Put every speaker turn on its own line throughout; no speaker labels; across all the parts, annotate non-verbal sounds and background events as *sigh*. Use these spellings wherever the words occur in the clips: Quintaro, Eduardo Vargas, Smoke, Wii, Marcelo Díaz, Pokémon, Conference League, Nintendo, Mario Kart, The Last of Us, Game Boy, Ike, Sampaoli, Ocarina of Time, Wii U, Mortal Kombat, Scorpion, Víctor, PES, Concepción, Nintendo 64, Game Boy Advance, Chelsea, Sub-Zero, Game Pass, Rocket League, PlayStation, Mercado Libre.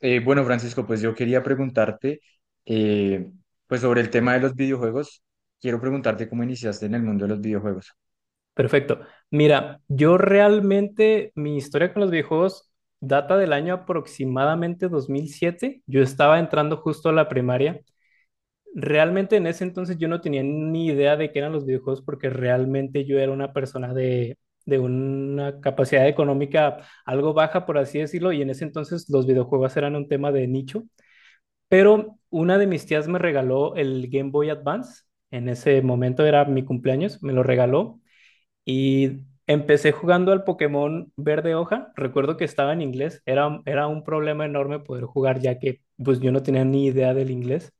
Bueno, Francisco, pues yo quería preguntarte, eh, pues sobre el tema de los videojuegos, quiero preguntarte cómo iniciaste en el mundo de los videojuegos.
Perfecto. Mira, yo realmente mi historia con los videojuegos data del año aproximadamente 2007. Yo estaba entrando justo a la primaria. Realmente en ese entonces yo no tenía ni idea de qué eran los videojuegos porque realmente yo era una persona de una capacidad económica algo baja, por así decirlo, y en ese entonces los videojuegos eran un tema de nicho. Pero una de mis tías me regaló el Game Boy Advance. En ese momento era mi cumpleaños, me lo regaló y empecé jugando al Pokémon Verde Hoja. Recuerdo que estaba en inglés. Era un problema enorme poder jugar ya que pues yo no tenía ni idea del inglés.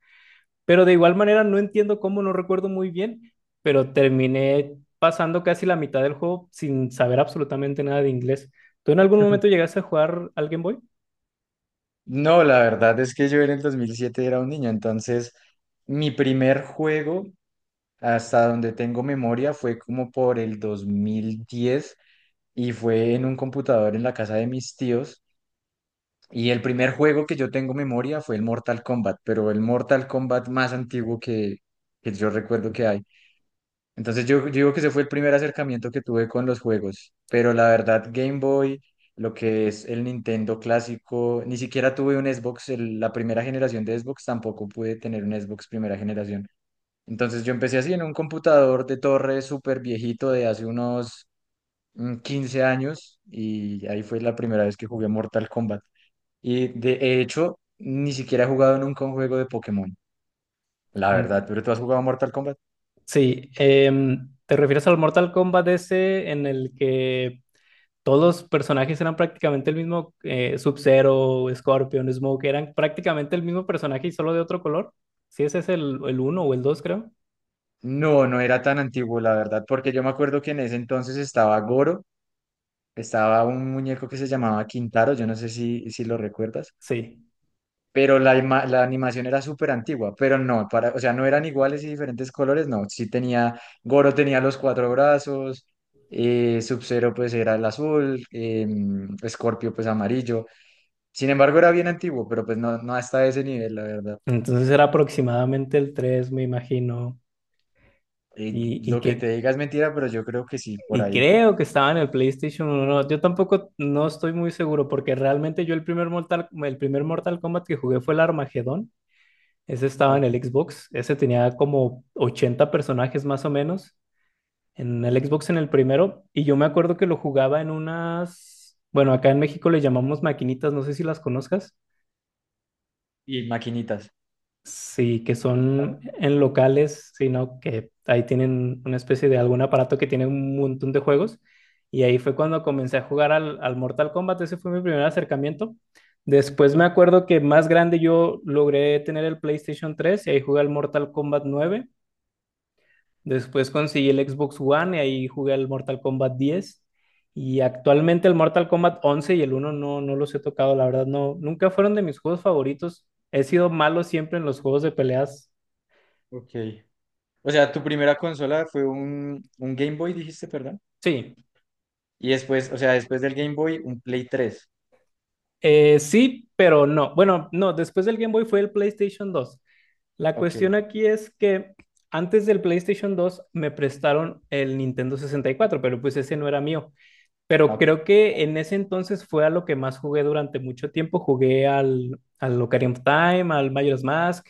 Pero de igual manera no entiendo cómo, no recuerdo muy bien, pero terminé pasando casi la mitad del juego sin saber absolutamente nada de inglés. ¿Tú en algún momento
*laughs*
llegaste a jugar al Game Boy?
No, la verdad es que yo en el 2007 era un niño, entonces mi primer juego, hasta donde tengo memoria, fue como por el 2010 y fue en un computador en la casa de mis tíos. Y el primer juego que yo tengo memoria fue el Mortal Kombat, pero el Mortal Kombat más antiguo que yo recuerdo que hay. Entonces yo digo que ese fue el primer acercamiento que tuve con los juegos, pero la verdad Game Boy, lo que es el Nintendo clásico, ni siquiera tuve un Xbox, la primera generación de Xbox tampoco pude tener un Xbox primera generación. Entonces yo empecé así en un computador de torre súper viejito de hace unos 15 años y ahí fue la primera vez que jugué Mortal Kombat. Y de hecho, ni siquiera he jugado nunca un juego de Pokémon, la verdad,
En-
pero ¿tú has jugado Mortal Kombat?
Sí, ¿te refieres al Mortal Kombat ese en el que todos los personajes eran prácticamente el mismo, Sub-Zero, Scorpion, Smoke, eran prácticamente el mismo personaje y solo de otro color? Si ese es el uno o el dos, creo.
No, no era tan antiguo, la verdad, porque yo me acuerdo que en ese entonces estaba Goro, estaba un muñeco que se llamaba Quintaro, yo no sé si lo recuerdas,
Sí.
pero la animación era súper antigua, pero no, para, o sea, no eran iguales y diferentes colores, no, sí tenía, Goro tenía los cuatro brazos, Sub-Zero pues era el azul, Scorpio pues amarillo, sin embargo era bien antiguo, pero pues no, no hasta ese nivel, la verdad.
Entonces era aproximadamente el 3, me imagino. Y, y
Lo que
que
te diga es mentira, pero yo creo que sí, por
y
ahí.
creo que estaba en el PlayStation 1. Yo tampoco no estoy muy seguro porque realmente yo el primer Mortal Kombat que jugué fue el Armagedón. Ese estaba en
Ok.
el Xbox. Ese tenía como 80 personajes más o menos, en el Xbox en el primero, y yo me acuerdo que lo jugaba en unas, bueno, acá en México le llamamos maquinitas, no sé si las conozcas,
Y maquinitas.
sí, que son en locales, sino que ahí tienen una especie de algún aparato que tiene un montón de juegos, y ahí fue cuando comencé a jugar al Mortal Kombat, ese fue mi primer acercamiento. Después me acuerdo que más grande yo logré tener el PlayStation tres y ahí jugué al Mortal Kombat nueve. Después conseguí el Xbox One y ahí jugué al Mortal Kombat 10. Y actualmente el Mortal Kombat 11 y el uno no, no los he tocado, la verdad, no. Nunca fueron de mis juegos favoritos. He sido malo siempre en los juegos de peleas.
Ok. O sea, tu primera consola fue un Game Boy, dijiste, perdón.
Sí.
Y después, o sea, después del Game Boy, un Play tres.
Sí, pero no. Bueno, no, después del Game Boy fue el PlayStation 2. La
Ok.
cuestión aquí es que antes del PlayStation 2 me prestaron el Nintendo 64, pero pues ese no era mío. Pero
Ah,
creo que en ese entonces fue a lo que más jugué durante mucho tiempo. Jugué al Ocarina of Time, al Majora's Mask,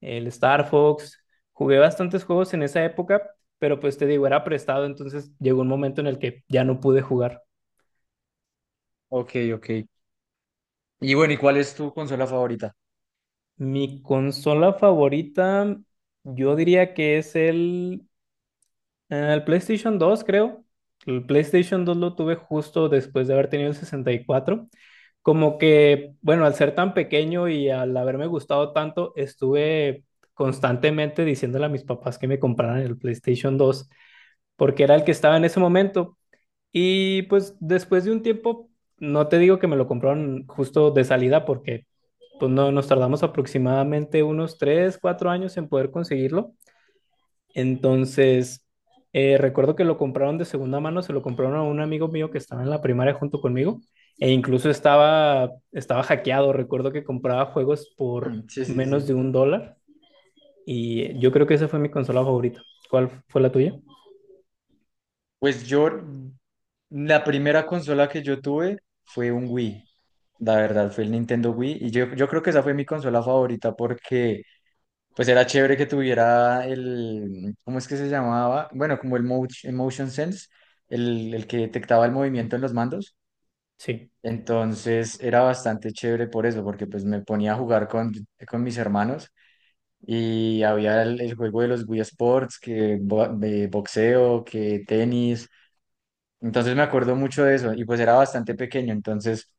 el Star Fox. Jugué bastantes juegos en esa época, pero pues te digo, era prestado, entonces llegó un momento en el que ya no pude jugar.
Ok, ok. Ok. Y bueno, ¿y cuál es tu consola favorita?
Mi consola favorita, yo diría que es el PlayStation 2, creo. El PlayStation 2 lo tuve justo después de haber tenido el 64. Como que, bueno, al ser tan pequeño y al haberme gustado tanto, estuve constantemente diciéndole a mis papás que me compraran el PlayStation 2 porque era el que estaba en ese momento. Y pues después de un tiempo, no te digo que me lo compraron justo de salida, porque pues no, nos tardamos aproximadamente unos 3 4 años en poder conseguirlo, entonces, recuerdo que lo compraron de segunda mano, se lo compraron a un amigo mío que estaba en la primaria junto conmigo e incluso estaba hackeado. Recuerdo que compraba juegos por
Sí, sí,
menos de
sí.
un dólar y yo creo que esa fue mi consola favorita. ¿Cuál fue la tuya?
Pues yo, la primera consola que yo tuve fue un Wii. La verdad, fue el Nintendo Wii. Y yo creo que esa fue mi consola favorita porque pues era chévere que tuviera el, ¿cómo es que se llamaba? Bueno, como el motion sense, el que detectaba el movimiento en los mandos.
Sí,
Entonces era bastante chévere por eso, porque pues me ponía a jugar con mis hermanos y había el juego de los Wii Sports, que de boxeo, que tenis. Entonces me acuerdo mucho de eso y pues era bastante pequeño, entonces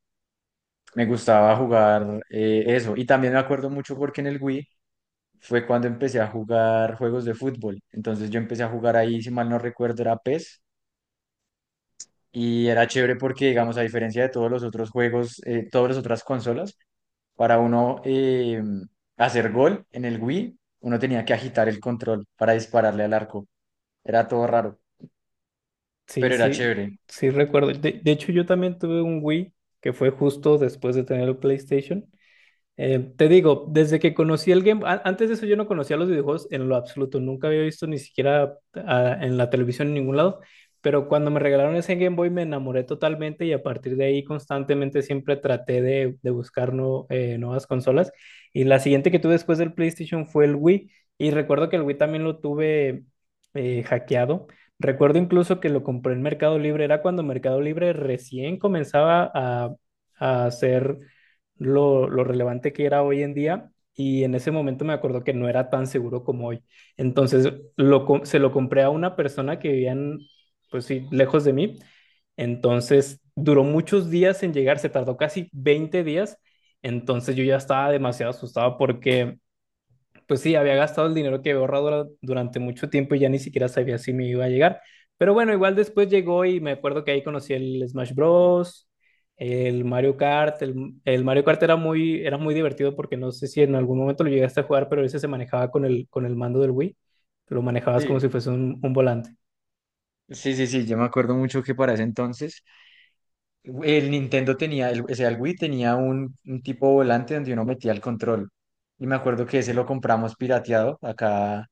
me gustaba jugar eso. Y también me acuerdo mucho porque en el Wii fue cuando empecé a jugar juegos de fútbol. Entonces yo empecé a jugar ahí, si mal no recuerdo, era PES. Y era chévere porque, digamos, a diferencia de todos los otros juegos, todas las otras consolas, para uno hacer gol en el Wii, uno tenía que agitar el control para dispararle al arco. Era todo raro,
sí,
pero era
sí,
chévere.
sí recuerdo. De hecho, yo también tuve un Wii que fue justo después de tener el PlayStation. Te digo, desde que conocí el Game, antes de eso yo no conocía los videojuegos en lo absoluto, nunca había visto ni siquiera en la televisión en ningún lado, pero cuando me regalaron ese Game Boy me enamoré totalmente y a partir de ahí constantemente siempre traté de buscar nuevas consolas. Y la siguiente que tuve después del PlayStation fue el Wii y recuerdo que el Wii también lo tuve hackeado. Recuerdo incluso que lo compré en Mercado Libre, era cuando Mercado Libre recién comenzaba a hacer lo relevante que era hoy en día y en ese momento me acuerdo que no era tan seguro como hoy. Entonces se lo compré a una persona que vivía en, pues sí, lejos de mí. Entonces duró muchos días en llegar, se tardó casi 20 días. Entonces yo ya estaba demasiado asustado porque pues sí, había gastado el dinero que había ahorrado durante mucho tiempo y ya ni siquiera sabía si me iba a llegar. Pero bueno, igual después llegó y me acuerdo que ahí conocí el Smash Bros, el Mario Kart. El Mario Kart era muy divertido porque no sé si en algún momento lo llegaste a jugar, pero ese se manejaba con el mando del Wii. Lo manejabas como si
Sí,
fuese un volante.
sí, sí, sí, yo me acuerdo mucho que para ese entonces el Nintendo tenía, o sea, el Wii tenía un tipo volante donde uno metía el control. Y me acuerdo que ese lo compramos pirateado acá,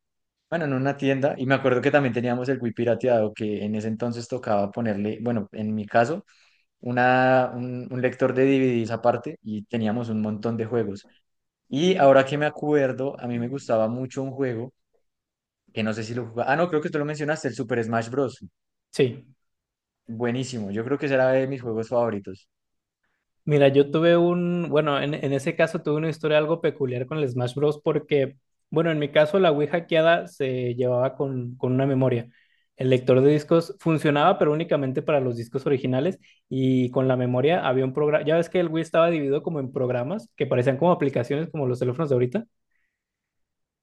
bueno, en una tienda. Y me acuerdo que también teníamos el Wii pirateado, que en ese entonces tocaba ponerle, bueno, en mi caso, un lector de DVDs aparte y teníamos un montón de juegos. Y ahora que me acuerdo, a mí me gustaba mucho un juego que no sé si lo jugaba. Ah, no, creo que tú lo mencionaste, el Super Smash Bros.
Sí.
Buenísimo. Yo creo que ese era de mis juegos favoritos.
Mira, yo tuve un, bueno, en ese caso tuve una historia algo peculiar con el Smash Bros. Porque, bueno, en mi caso la Wii hackeada se llevaba con una memoria. El lector de discos funcionaba, pero únicamente para los discos originales y con la memoria había un programa, ya ves que el Wii estaba dividido como en programas que parecían como aplicaciones como los teléfonos de ahorita,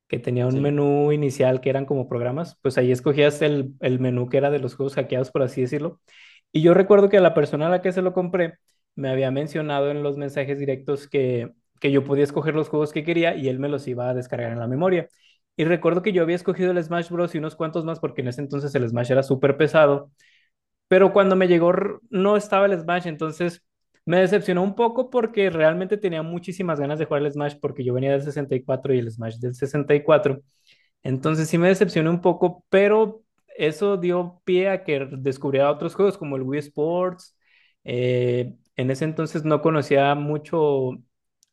que tenía un
Sí,
menú inicial que eran como programas, pues ahí escogías el menú que era de los juegos hackeados, por así decirlo. Y yo recuerdo que la persona a la que se lo compré me había mencionado en los mensajes directos que yo podía escoger los juegos que quería y él me los iba a descargar en la memoria. Y recuerdo que yo había escogido el Smash Bros. Y unos cuantos más porque en ese entonces el Smash era súper pesado, pero cuando me llegó no estaba el Smash, entonces me decepcionó un poco porque realmente tenía muchísimas ganas de jugar el Smash porque yo venía del 64 y cuatro y el Smash del 64, entonces sí me decepcioné un poco, pero eso dio pie a que descubriera otros juegos como el Wii Sports. En ese entonces no conocía mucho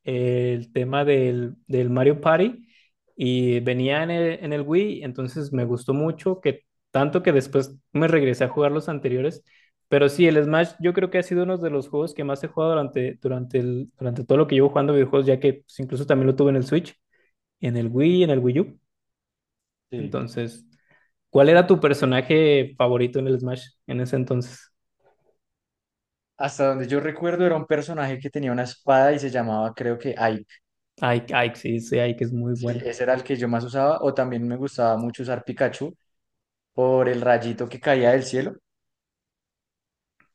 el tema del Mario Party y venía en el Wii, entonces me gustó mucho, que tanto que después me regresé a jugar los anteriores. Pero sí, el Smash yo creo que ha sido uno de los juegos que más he jugado durante todo lo que llevo jugando videojuegos, ya que pues, incluso también lo tuve en el Switch, en el Wii U.
sí.
Entonces, ¿cuál era tu personaje favorito en el Smash en ese entonces?
Hasta donde yo recuerdo era un personaje que tenía una espada y se llamaba, creo que Aip.
Ike, sí, sí, Ike es muy
Sí,
bueno.
ese era el que yo más usaba. O también me gustaba mucho usar Pikachu por el rayito que caía del cielo.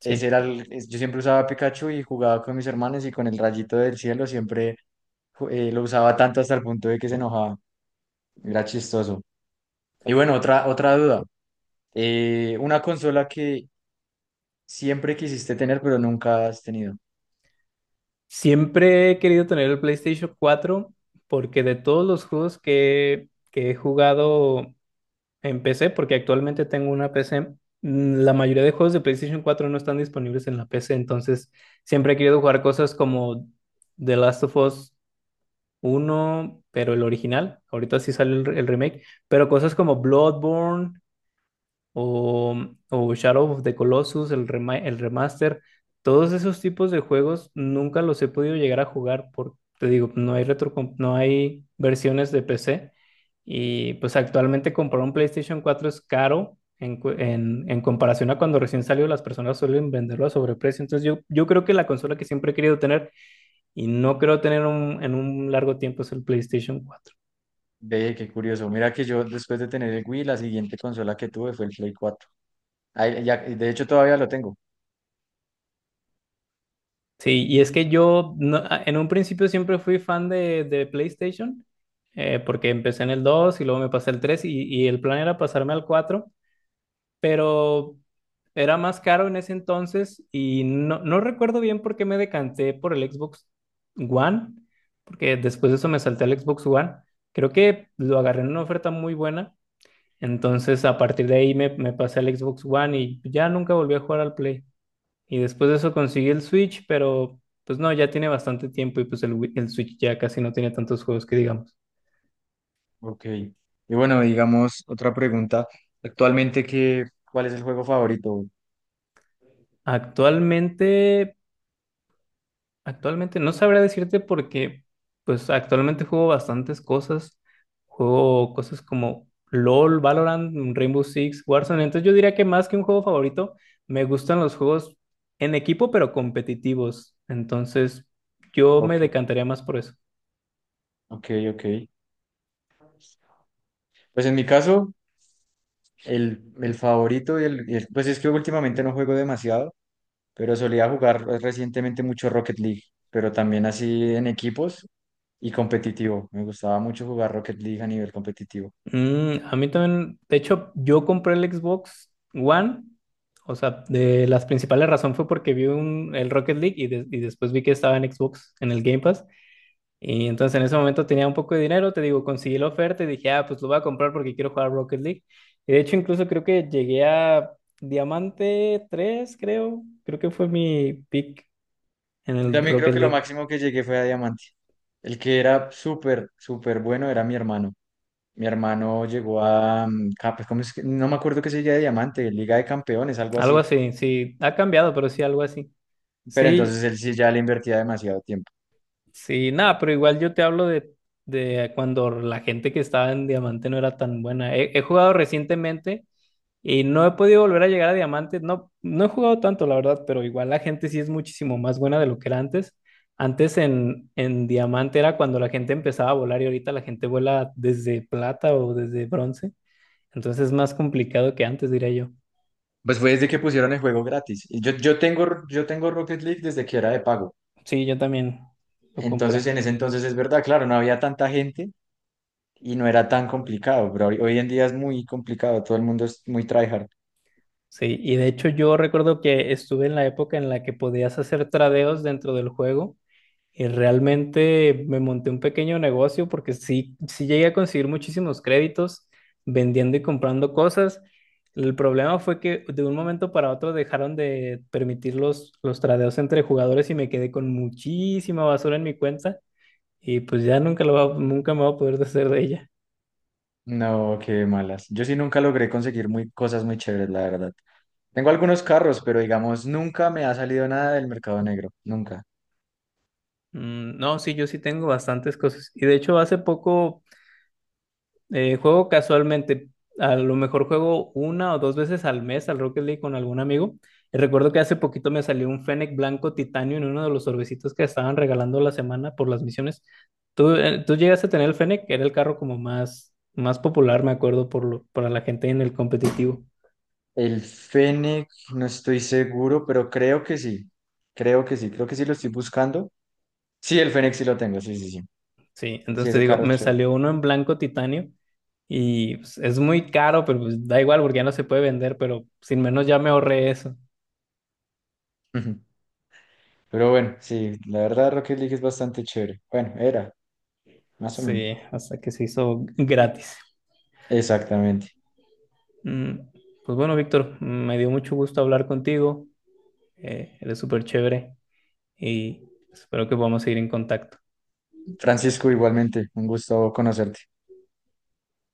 Ese era yo siempre usaba Pikachu y jugaba con mis hermanos y con el rayito del cielo siempre lo usaba tanto hasta el punto de que se enojaba. Era chistoso. Y bueno, otra duda. Una consola que siempre quisiste tener pero nunca has tenido.
Siempre he querido tener el PlayStation cuatro porque de todos los juegos que he jugado en PC, porque actualmente tengo una PC, la mayoría de juegos de PlayStation cuatro no están disponibles en la PC, entonces siempre he querido jugar cosas como The Last of Us uno, pero el original, ahorita sí sale el remake, pero cosas como Bloodborne, o, o Shadow of the Colossus, el el remaster. Todos esos tipos de juegos nunca los he podido llegar a jugar porque, te digo, no hay no hay versiones de PC. Y pues actualmente comprar un PlayStation cuatro es caro en comparación a cuando recién salió, las personas suelen venderlo a sobreprecio, entonces yo creo que la consola que siempre he querido tener y no creo tener en un largo tiempo es el PlayStation cuatro.
Ve, qué curioso. Mira que yo después de tener el Wii, la siguiente consola que tuve fue el Play cuatro. Ahí de hecho, todavía lo tengo.
Sí, y es que yo no- a- en un principio siempre fui fan de PlayStation, porque empecé en el 2 y luego me pasé al 3 y el plan era pasarme al 4, pero era más caro en ese entonces y no, no recuerdo bien por qué me decanté por el Xbox One, porque después de eso me salté al Xbox One. Creo que lo agarré en una oferta muy buena, entonces a partir de ahí me pasé al Xbox One y ya nunca volví a jugar al Play. Y después de eso conseguí el Switch, pero pues no, ya tiene bastante tiempo y pues el Switch ya casi no tiene tantos juegos que digamos.
Ok. Y bueno, digamos, otra pregunta. Actualmente, ¿Cuál es el juego favorito?
Actualmente, actualmente no sabré decirte porque pues actualmente juego bastantes cosas. Juego cosas como LOL, Valorant, Rainbow Six, Warzone. Entonces yo diría que más que un juego favorito, me gustan los juegos en equipo pero competitivos. Entonces yo me
Ok,
decantaría más por eso.
ok, ok. Pues en mi caso, el favorito pues es que últimamente no juego demasiado, pero solía jugar recientemente mucho Rocket League, pero también así en equipos y competitivo. Me gustaba mucho jugar Rocket League a nivel competitivo.
A mí también, de hecho, yo compré el Xbox One, o sea, de las principales razones fue porque vi un, el Rocket League y, y después vi que estaba en Xbox, en el Game Pass, y entonces en ese momento tenía un poco de dinero, te digo, conseguí la oferta y dije, ah, pues lo voy a comprar porque quiero jugar Rocket League. Y de hecho, incluso creo que llegué a Diamante 3, creo, creo que fue mi pick en
Yo
el
también creo
Rocket
que lo
League.
máximo que llegué fue a Diamante. El que era súper, súper bueno era mi hermano. Mi hermano llegó a, pues, ¿cómo es que? No me acuerdo qué sería de Diamante, Liga de Campeones, algo
Algo
así.
así, sí, ha cambiado, pero sí, algo así.
Pero entonces
Sí.
él sí ya le invertía demasiado tiempo.
Sí, nada, pero igual yo te hablo de cuando la gente que estaba en diamante no era tan buena. He, he jugado recientemente y no he podido volver a llegar a diamante. No, no he jugado tanto, la verdad, pero igual la gente sí es muchísimo más buena de lo que era antes. Antes en diamante era cuando la gente empezaba a volar y ahorita la gente vuela desde plata o desde bronce. Entonces es más complicado que antes, diría yo.
Pues fue desde que pusieron el juego gratis. Y yo tengo Rocket League desde que era de pago.
Sí, yo también lo
Entonces
compré.
en ese entonces es verdad, claro, no había tanta gente y no era tan complicado, pero hoy en día es muy complicado, todo el mundo es muy tryhard.
Sí, y de hecho yo recuerdo que estuve en la época en la que podías hacer tradeos dentro del juego y realmente me monté un pequeño negocio porque sí, sí llegué a conseguir muchísimos créditos vendiendo y comprando cosas. El problema fue que de un momento para otro dejaron de permitir los tradeos entre jugadores y me quedé con muchísima basura en mi cuenta y pues ya nunca, nunca me voy a poder deshacer de ella.
No, qué malas. Yo sí nunca logré conseguir cosas muy chéveres, la verdad. Tengo algunos carros, pero digamos, nunca me ha salido nada del mercado negro, nunca.
No, sí, yo sí tengo bastantes cosas. Y de hecho, hace poco juego casualmente, a lo mejor juego una o dos veces al mes al Rocket League con algún amigo. Y recuerdo que hace poquito me salió un Fennec blanco titanio en uno de los sobrecitos que estaban regalando la semana por las misiones. ¿Tú, tú llegaste a tener el Fennec? Era el carro como más, más popular, me acuerdo, por lo, para la gente en el competitivo.
El Fennec, no estoy seguro, pero creo que sí. Creo que sí, creo que sí lo estoy buscando. Sí, el Fennec sí lo tengo, sí, sí, sí.
Sí,
Sí,
entonces te
ese
digo,
carro es
me
chévere.
salió uno en blanco titanio. Y pues, es muy caro, pero pues, da igual porque ya no se puede vender, pero sin menos ya me ahorré eso.
Ujú. Pero bueno, sí, la verdad Rocket League es bastante chévere. Bueno, era, más o
Sí,
menos.
hasta que se hizo gratis.
Exactamente.
Mm, Pues bueno, Víctor, me dio mucho gusto hablar contigo. Eres súper chévere y espero que podamos seguir en contacto.
Francisco, igualmente, un gusto conocerte.